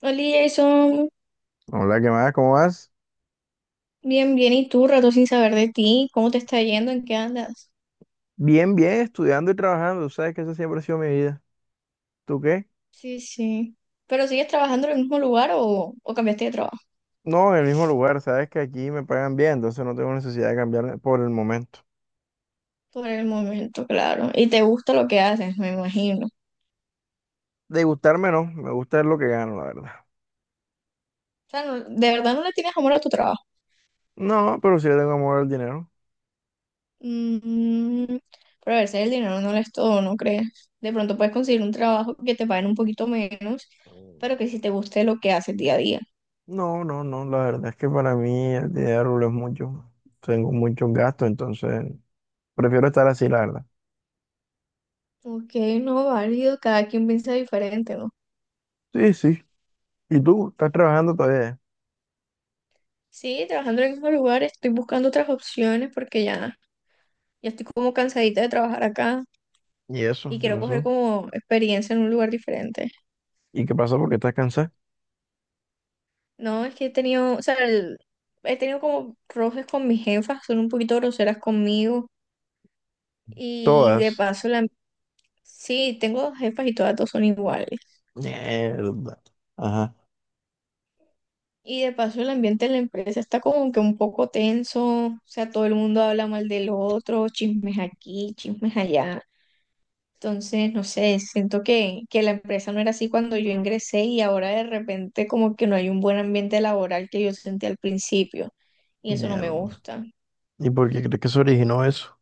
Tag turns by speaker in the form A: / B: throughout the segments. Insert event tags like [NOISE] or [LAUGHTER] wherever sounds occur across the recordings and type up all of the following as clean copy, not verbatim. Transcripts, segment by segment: A: Hola Jason,
B: Hola, ¿qué más? ¿Cómo vas?
A: bien, bien, ¿y tú? Rato sin saber de ti, ¿cómo te está yendo? ¿En qué andas?
B: Bien, bien, estudiando y trabajando. Tú sabes que esa siempre ha sido mi vida. ¿Tú qué?
A: Sí, sí. ¿Pero sigues trabajando en el mismo lugar o cambiaste de trabajo?
B: No, en el mismo lugar. Sabes que aquí me pagan bien, entonces no tengo necesidad de cambiar por el momento.
A: Por el momento, claro. Y te gusta lo que haces, me imagino. O
B: De gustarme no, me gusta es lo que gano, la verdad.
A: sea, de verdad no le tienes amor a tu trabajo.
B: No, pero sí le tengo amor al dinero.
A: Mm, pero a veces el dinero no lo es todo, ¿no crees? De pronto puedes conseguir un trabajo que te paguen un poquito menos,
B: Mm.
A: pero que sí te guste lo que haces día a día.
B: No, no, no, la verdad es que para mí el dinero lo es mucho. Tengo muchos gastos, entonces prefiero estar así, la verdad.
A: Ok, no, válido, cada quien piensa diferente, ¿no?
B: Sí, sí. ¿Y tú? ¿Estás trabajando todavía?
A: Sí, trabajando en el mismo lugar, estoy buscando otras opciones porque ya estoy como cansadita de trabajar acá
B: ¿Y eso?
A: y
B: ¿Qué
A: quiero coger
B: pasó?
A: como experiencia en un lugar diferente.
B: ¿Y qué pasó? ¿Por qué estás cansada?
A: No, es que he tenido, o sea, he tenido como roces con mis jefas, son un poquito groseras conmigo y de
B: Todas.
A: paso la, sí, tengo dos jefas y todas dos son iguales.
B: Mierda. Ajá,
A: Y de paso el ambiente en la empresa está como que un poco tenso, o sea, todo el mundo habla mal del otro, chismes aquí, chismes allá. Entonces, no sé, que la empresa no era así cuando yo ingresé y ahora de repente como que no hay un buen ambiente laboral que yo sentí al principio y eso no me
B: mierda.
A: gusta.
B: ¿Y por qué crees que se originó eso?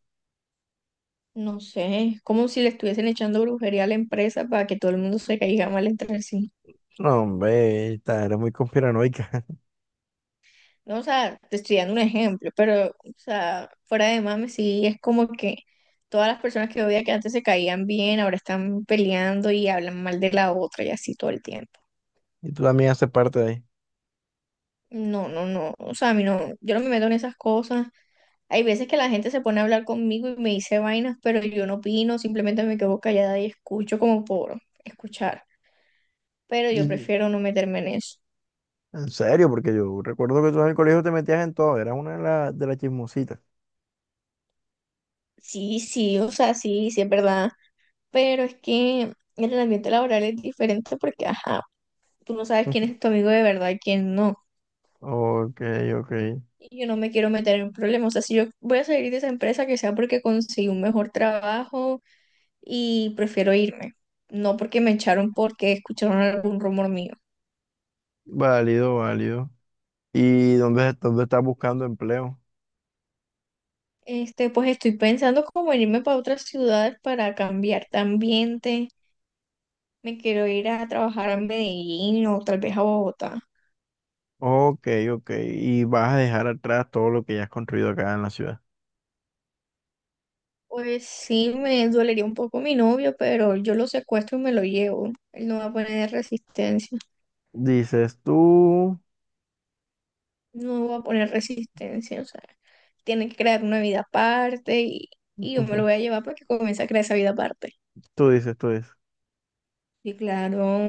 A: No sé, es como si le estuviesen echando brujería a la empresa para que todo el mundo se caiga mal entre sí.
B: No, hombre, esta era muy conspiranoica. [LAUGHS]
A: No, o sea, te estoy dando un ejemplo, pero, o sea, fuera de mame, sí, es como que todas las personas que yo veía que antes se caían bien, ahora están peleando y hablan mal de la otra y así todo el tiempo.
B: Y tú también haces parte de ahí.
A: No, no, no, o sea, a mí no, yo no me meto en esas cosas. Hay veces que la gente se pone a hablar conmigo y me dice vainas, pero yo no opino, simplemente me quedo callada y escucho como por escuchar. Pero yo
B: Y-
A: prefiero no meterme en eso.
B: En serio, porque yo recuerdo que tú en el colegio te metías en todo. Eras una de las chismositas.
A: Sí, sí, o sea, sí, sí es verdad. Pero es que el ambiente laboral es diferente porque, ajá, tú no sabes quién es
B: [LAUGHS]
A: tu amigo de verdad y quién no.
B: Ok, ok.
A: Y yo no me quiero meter en problemas. O sea, si yo voy a salir de esa empresa, que sea porque conseguí un mejor trabajo y prefiero irme. No porque me echaron porque escucharon algún rumor mío.
B: Válido, válido. ¿Y dónde estás buscando empleo?
A: Este, pues estoy pensando como en irme para otras ciudades para cambiar de ambiente. Me quiero ir a trabajar a Medellín o tal vez a Bogotá.
B: Ok, ok. Y vas a dejar atrás todo lo que ya has construido acá en la ciudad.
A: Pues sí, me dolería un poco mi novio, pero yo lo secuestro y me lo llevo. Él no va a poner resistencia.
B: Dices tú.
A: No va a poner resistencia. O sea, tiene que crear una vida aparte y yo me lo voy a
B: [LAUGHS]
A: llevar para que comience a crear esa vida aparte.
B: Tú dices, tú dices.
A: Y claro,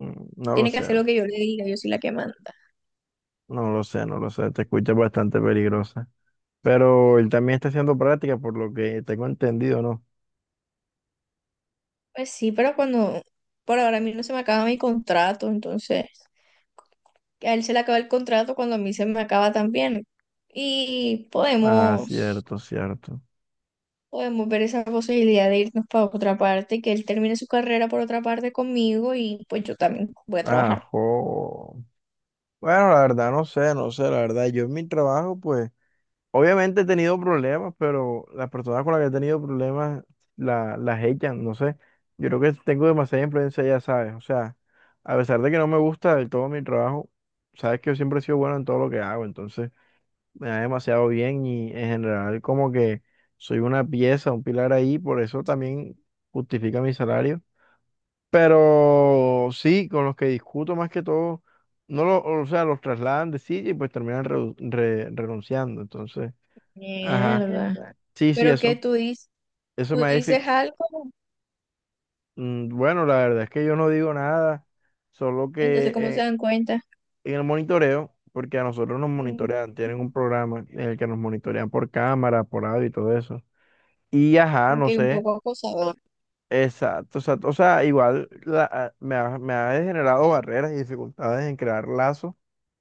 B: Mm, no lo
A: tiene que
B: sé.
A: hacer lo que yo le diga, yo soy la que manda.
B: No lo sé, no lo sé, te escucha bastante peligrosa. Pero él también está haciendo práctica, por lo que tengo entendido, ¿no?
A: Pues sí, pero cuando, por ahora a mí no se me acaba mi contrato, entonces a él se le acaba el contrato cuando a mí se me acaba también. Y
B: Ah,
A: podemos,
B: cierto, cierto.
A: podemos ver esa posibilidad de irnos para otra parte, que él termine su carrera por otra parte conmigo y pues yo también voy a trabajar.
B: Ajo. Bueno, la verdad, no sé, no sé, la verdad. Yo en mi trabajo, pues, obviamente he tenido problemas, pero las personas con las que he tenido problemas las echan, no sé. Yo creo que tengo demasiada influencia, ya sabes. O sea, a pesar de que no me gusta del todo mi trabajo, sabes que yo siempre he sido bueno en todo lo que hago, entonces me da demasiado bien y en general como que soy una pieza, un pilar ahí, por eso también justifica mi salario. Pero sí, con los que discuto más que todo, no lo, o sea, los trasladan de sitio y pues terminan renunciando. Entonces, ajá. Es
A: Mierda.
B: verdad. Sí, sí,
A: Pero que
B: eso,
A: tú dices,
B: eso
A: tú
B: me ha dific-
A: dices algo,
B: bueno, la verdad es que yo no digo nada, solo que
A: entonces ¿cómo se
B: eh,
A: dan cuenta?
B: en el monitoreo, porque a nosotros nos
A: Mm,
B: monitorean, tienen un programa en el que nos monitorean por cámara, por audio y todo eso. Y ajá,
A: ok,
B: no
A: un
B: sé.
A: poco acosador.
B: Exacto, exacto. O sea, me ha generado barreras y dificultades en crear lazos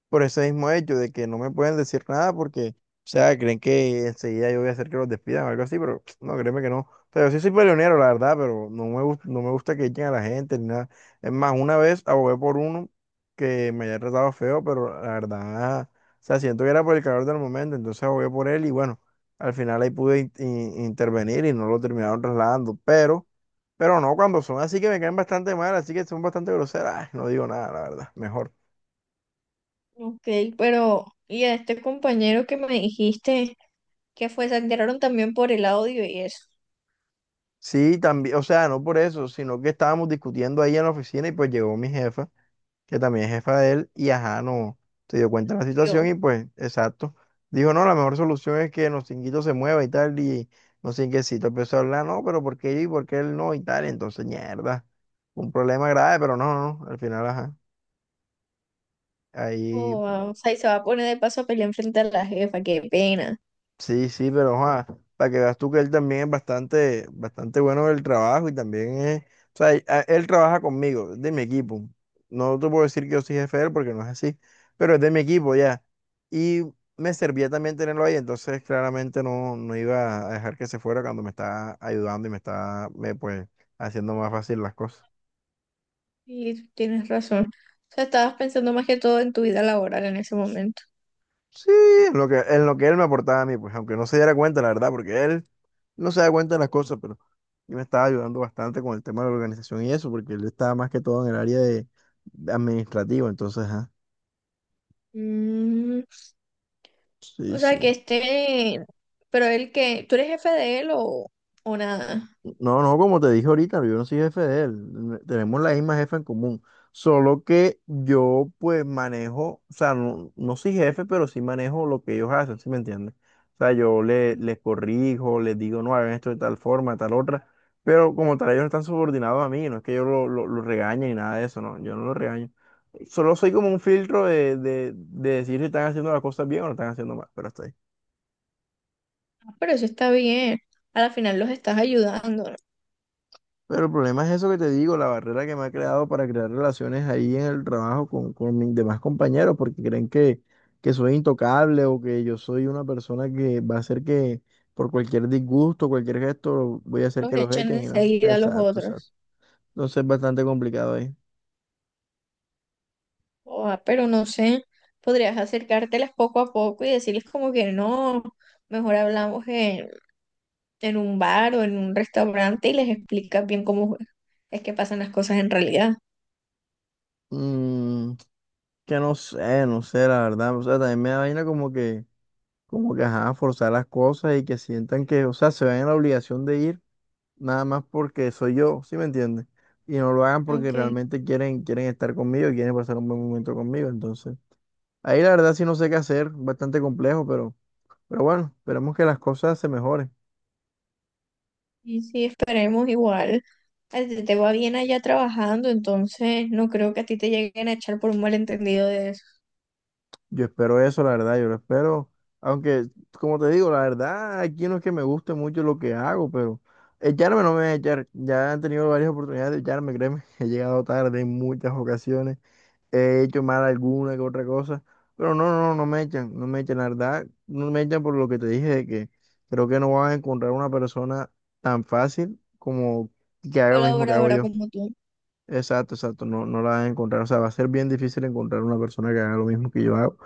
B: por ese mismo hecho de que no me pueden decir nada porque, o sea, creen que enseguida yo voy a hacer que los despidan o algo así, pero [TSK] no, créeme que no. O sea, yo sí soy peleonero, la verdad, pero no me gusta, no me gusta que echen a la gente ni nada. Es más, una vez abogué por uno que me había tratado feo, pero la verdad, o sea, siento que era por el calor del momento, entonces abogué por él y bueno, al final ahí pude intervenir y no lo terminaron trasladando, pero no, cuando son así que me caen bastante mal, así que son bastante groseras, ay, no digo nada, la verdad, mejor.
A: Ok, pero ¿y a este compañero que me dijiste? Que fue, se enteraron también por el audio y eso.
B: Sí, también, o sea, no por eso, sino que estábamos discutiendo ahí en la oficina y pues llegó mi jefa, que también es jefa de él, y ajá, no, se dio cuenta de la situación
A: Yo,
B: y pues, exacto, dijo, no, la mejor solución es que Nocinguito se mueva y tal, y Nocinguecito empezó a hablar, no, pero ¿por qué yo y por qué él no y tal? Entonces, mierda, un problema grave, pero no, no, no, al final, ajá, ahí.
A: oh, wow, o sea, y se va a poner de paso a pelear enfrente a la jefa, qué pena.
B: Sí, sí, pero para que veas tú que él también es bastante, bastante bueno en el trabajo y también es, o sea, él trabaja conmigo, es de mi equipo. No te puedo decir que yo soy jefe de él porque no es así, pero es de mi equipo ya. Y me servía también tenerlo ahí, entonces claramente no, no iba a dejar que se fuera cuando me está ayudando y me está, me, pues, haciendo más fácil las cosas.
A: Y tú tienes razón. O sea, estabas pensando más que todo en tu vida laboral en ese momento.
B: Sí, en en lo que él me aportaba a mí, pues, aunque no se diera cuenta, la verdad, porque él no se da cuenta de las cosas, pero yo me estaba ayudando bastante con el tema de la organización y eso, porque él estaba más que todo en el área de administrativo, entonces, ajá.
A: Mm,
B: Sí,
A: o
B: sí.
A: sea, que esté, pero él que, ¿tú eres jefe de él o nada?
B: No, no, como te dije ahorita, yo no soy jefe de él. Tenemos la misma jefa en común. Solo que yo, pues, manejo, o sea, no, no soy jefe, pero sí manejo lo que ellos hacen, ¿sí me entiendes? O sea, les corrijo, les digo, no, hagan esto de tal forma, de tal otra. Pero como tal, ellos no están subordinados a mí, no es que yo lo regañe ni nada de eso, no, yo no lo regaño. Solo soy como un filtro de decir si están haciendo las cosas bien o no están haciendo mal, pero hasta ahí.
A: Ah, pero eso está bien. A la final los estás ayudando, ¿no?
B: Pero el problema es eso que te digo, la barrera que me ha creado para crear relaciones ahí en el trabajo con mis demás compañeros, porque creen que soy intocable o que yo soy una persona que va a hacer que por cualquier disgusto, cualquier gesto, voy a hacer
A: Los
B: que los
A: echan
B: echen y no.
A: enseguida a los
B: Exacto, exacto.
A: otros.
B: Entonces es bastante complicado ahí.
A: Oh, pero no sé, podrías acercártelas poco a poco y decirles como que no, mejor hablamos en un bar o en un restaurante y les explicas bien cómo es que pasan las cosas en realidad.
B: Mm, que no sé, no sé, la verdad. O sea, también me da vaina como que ajá, forzar las cosas y que sientan que, o sea, se ven en la obligación de ir, nada más porque soy yo, ¿sí me entiendes? Y no lo hagan porque
A: Ok,
B: realmente quieren, quieren estar conmigo y quieren pasar un buen momento conmigo. Entonces, ahí la verdad sí no sé qué hacer, bastante complejo, pero bueno, esperemos que las cosas se mejoren.
A: y sí, esperemos igual. A ti te va bien allá trabajando, entonces no creo que a ti te lleguen a echar por un malentendido de eso.
B: Yo espero eso, la verdad, yo lo espero. Aunque, como te digo, la verdad, aquí no es que me guste mucho lo que hago, pero echarme no me voy a echar. Ya han tenido varias oportunidades de echarme, créeme, [LAUGHS] he llegado tarde en muchas ocasiones. He hecho mal alguna que otra cosa, pero no, no, no me echan, no me echan, la verdad, no me echan por lo que te dije de que creo que no vas a encontrar una persona tan fácil como que haga lo mismo que hago
A: Colaboradora
B: yo.
A: como tú.
B: Exacto, exacto, no, no la vas a encontrar, o sea, va a ser bien difícil encontrar una persona que haga lo mismo que yo hago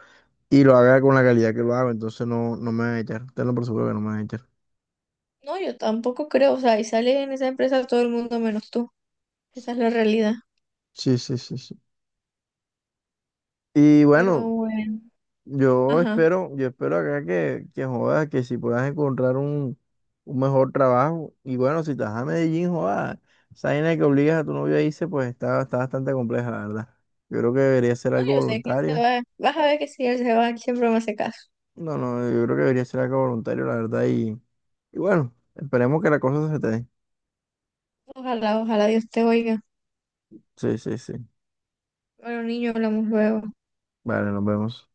B: y lo haga con la calidad que lo hago, entonces no, no me van a echar, tenlo por seguro que no me van a echar.
A: No, yo tampoco creo, o sea, y sale en esa empresa todo el mundo menos tú. Esa es la realidad.
B: Sí, sí, sí, sí. Y
A: Pero
B: bueno,
A: bueno,
B: yo
A: ajá.
B: espero, yo espero acá que jodas, que si puedas encontrar un mejor trabajo. Y bueno, si estás a Medellín, jodas, esa vaina que obligas a tu novio a irse, pues está, está bastante compleja, la verdad. Yo creo que debería ser
A: No,
B: algo
A: yo sé que él se
B: voluntario.
A: va. Vas a ver que si él se va, él siempre me hace caso.
B: No, no, yo creo que debería ser algo voluntario, la verdad. Y bueno, esperemos que la cosa se te dé.
A: Ojalá, ojalá Dios te oiga.
B: Sí, sí, sí.
A: Bueno, niño, hablamos luego.
B: Vale, nos vemos.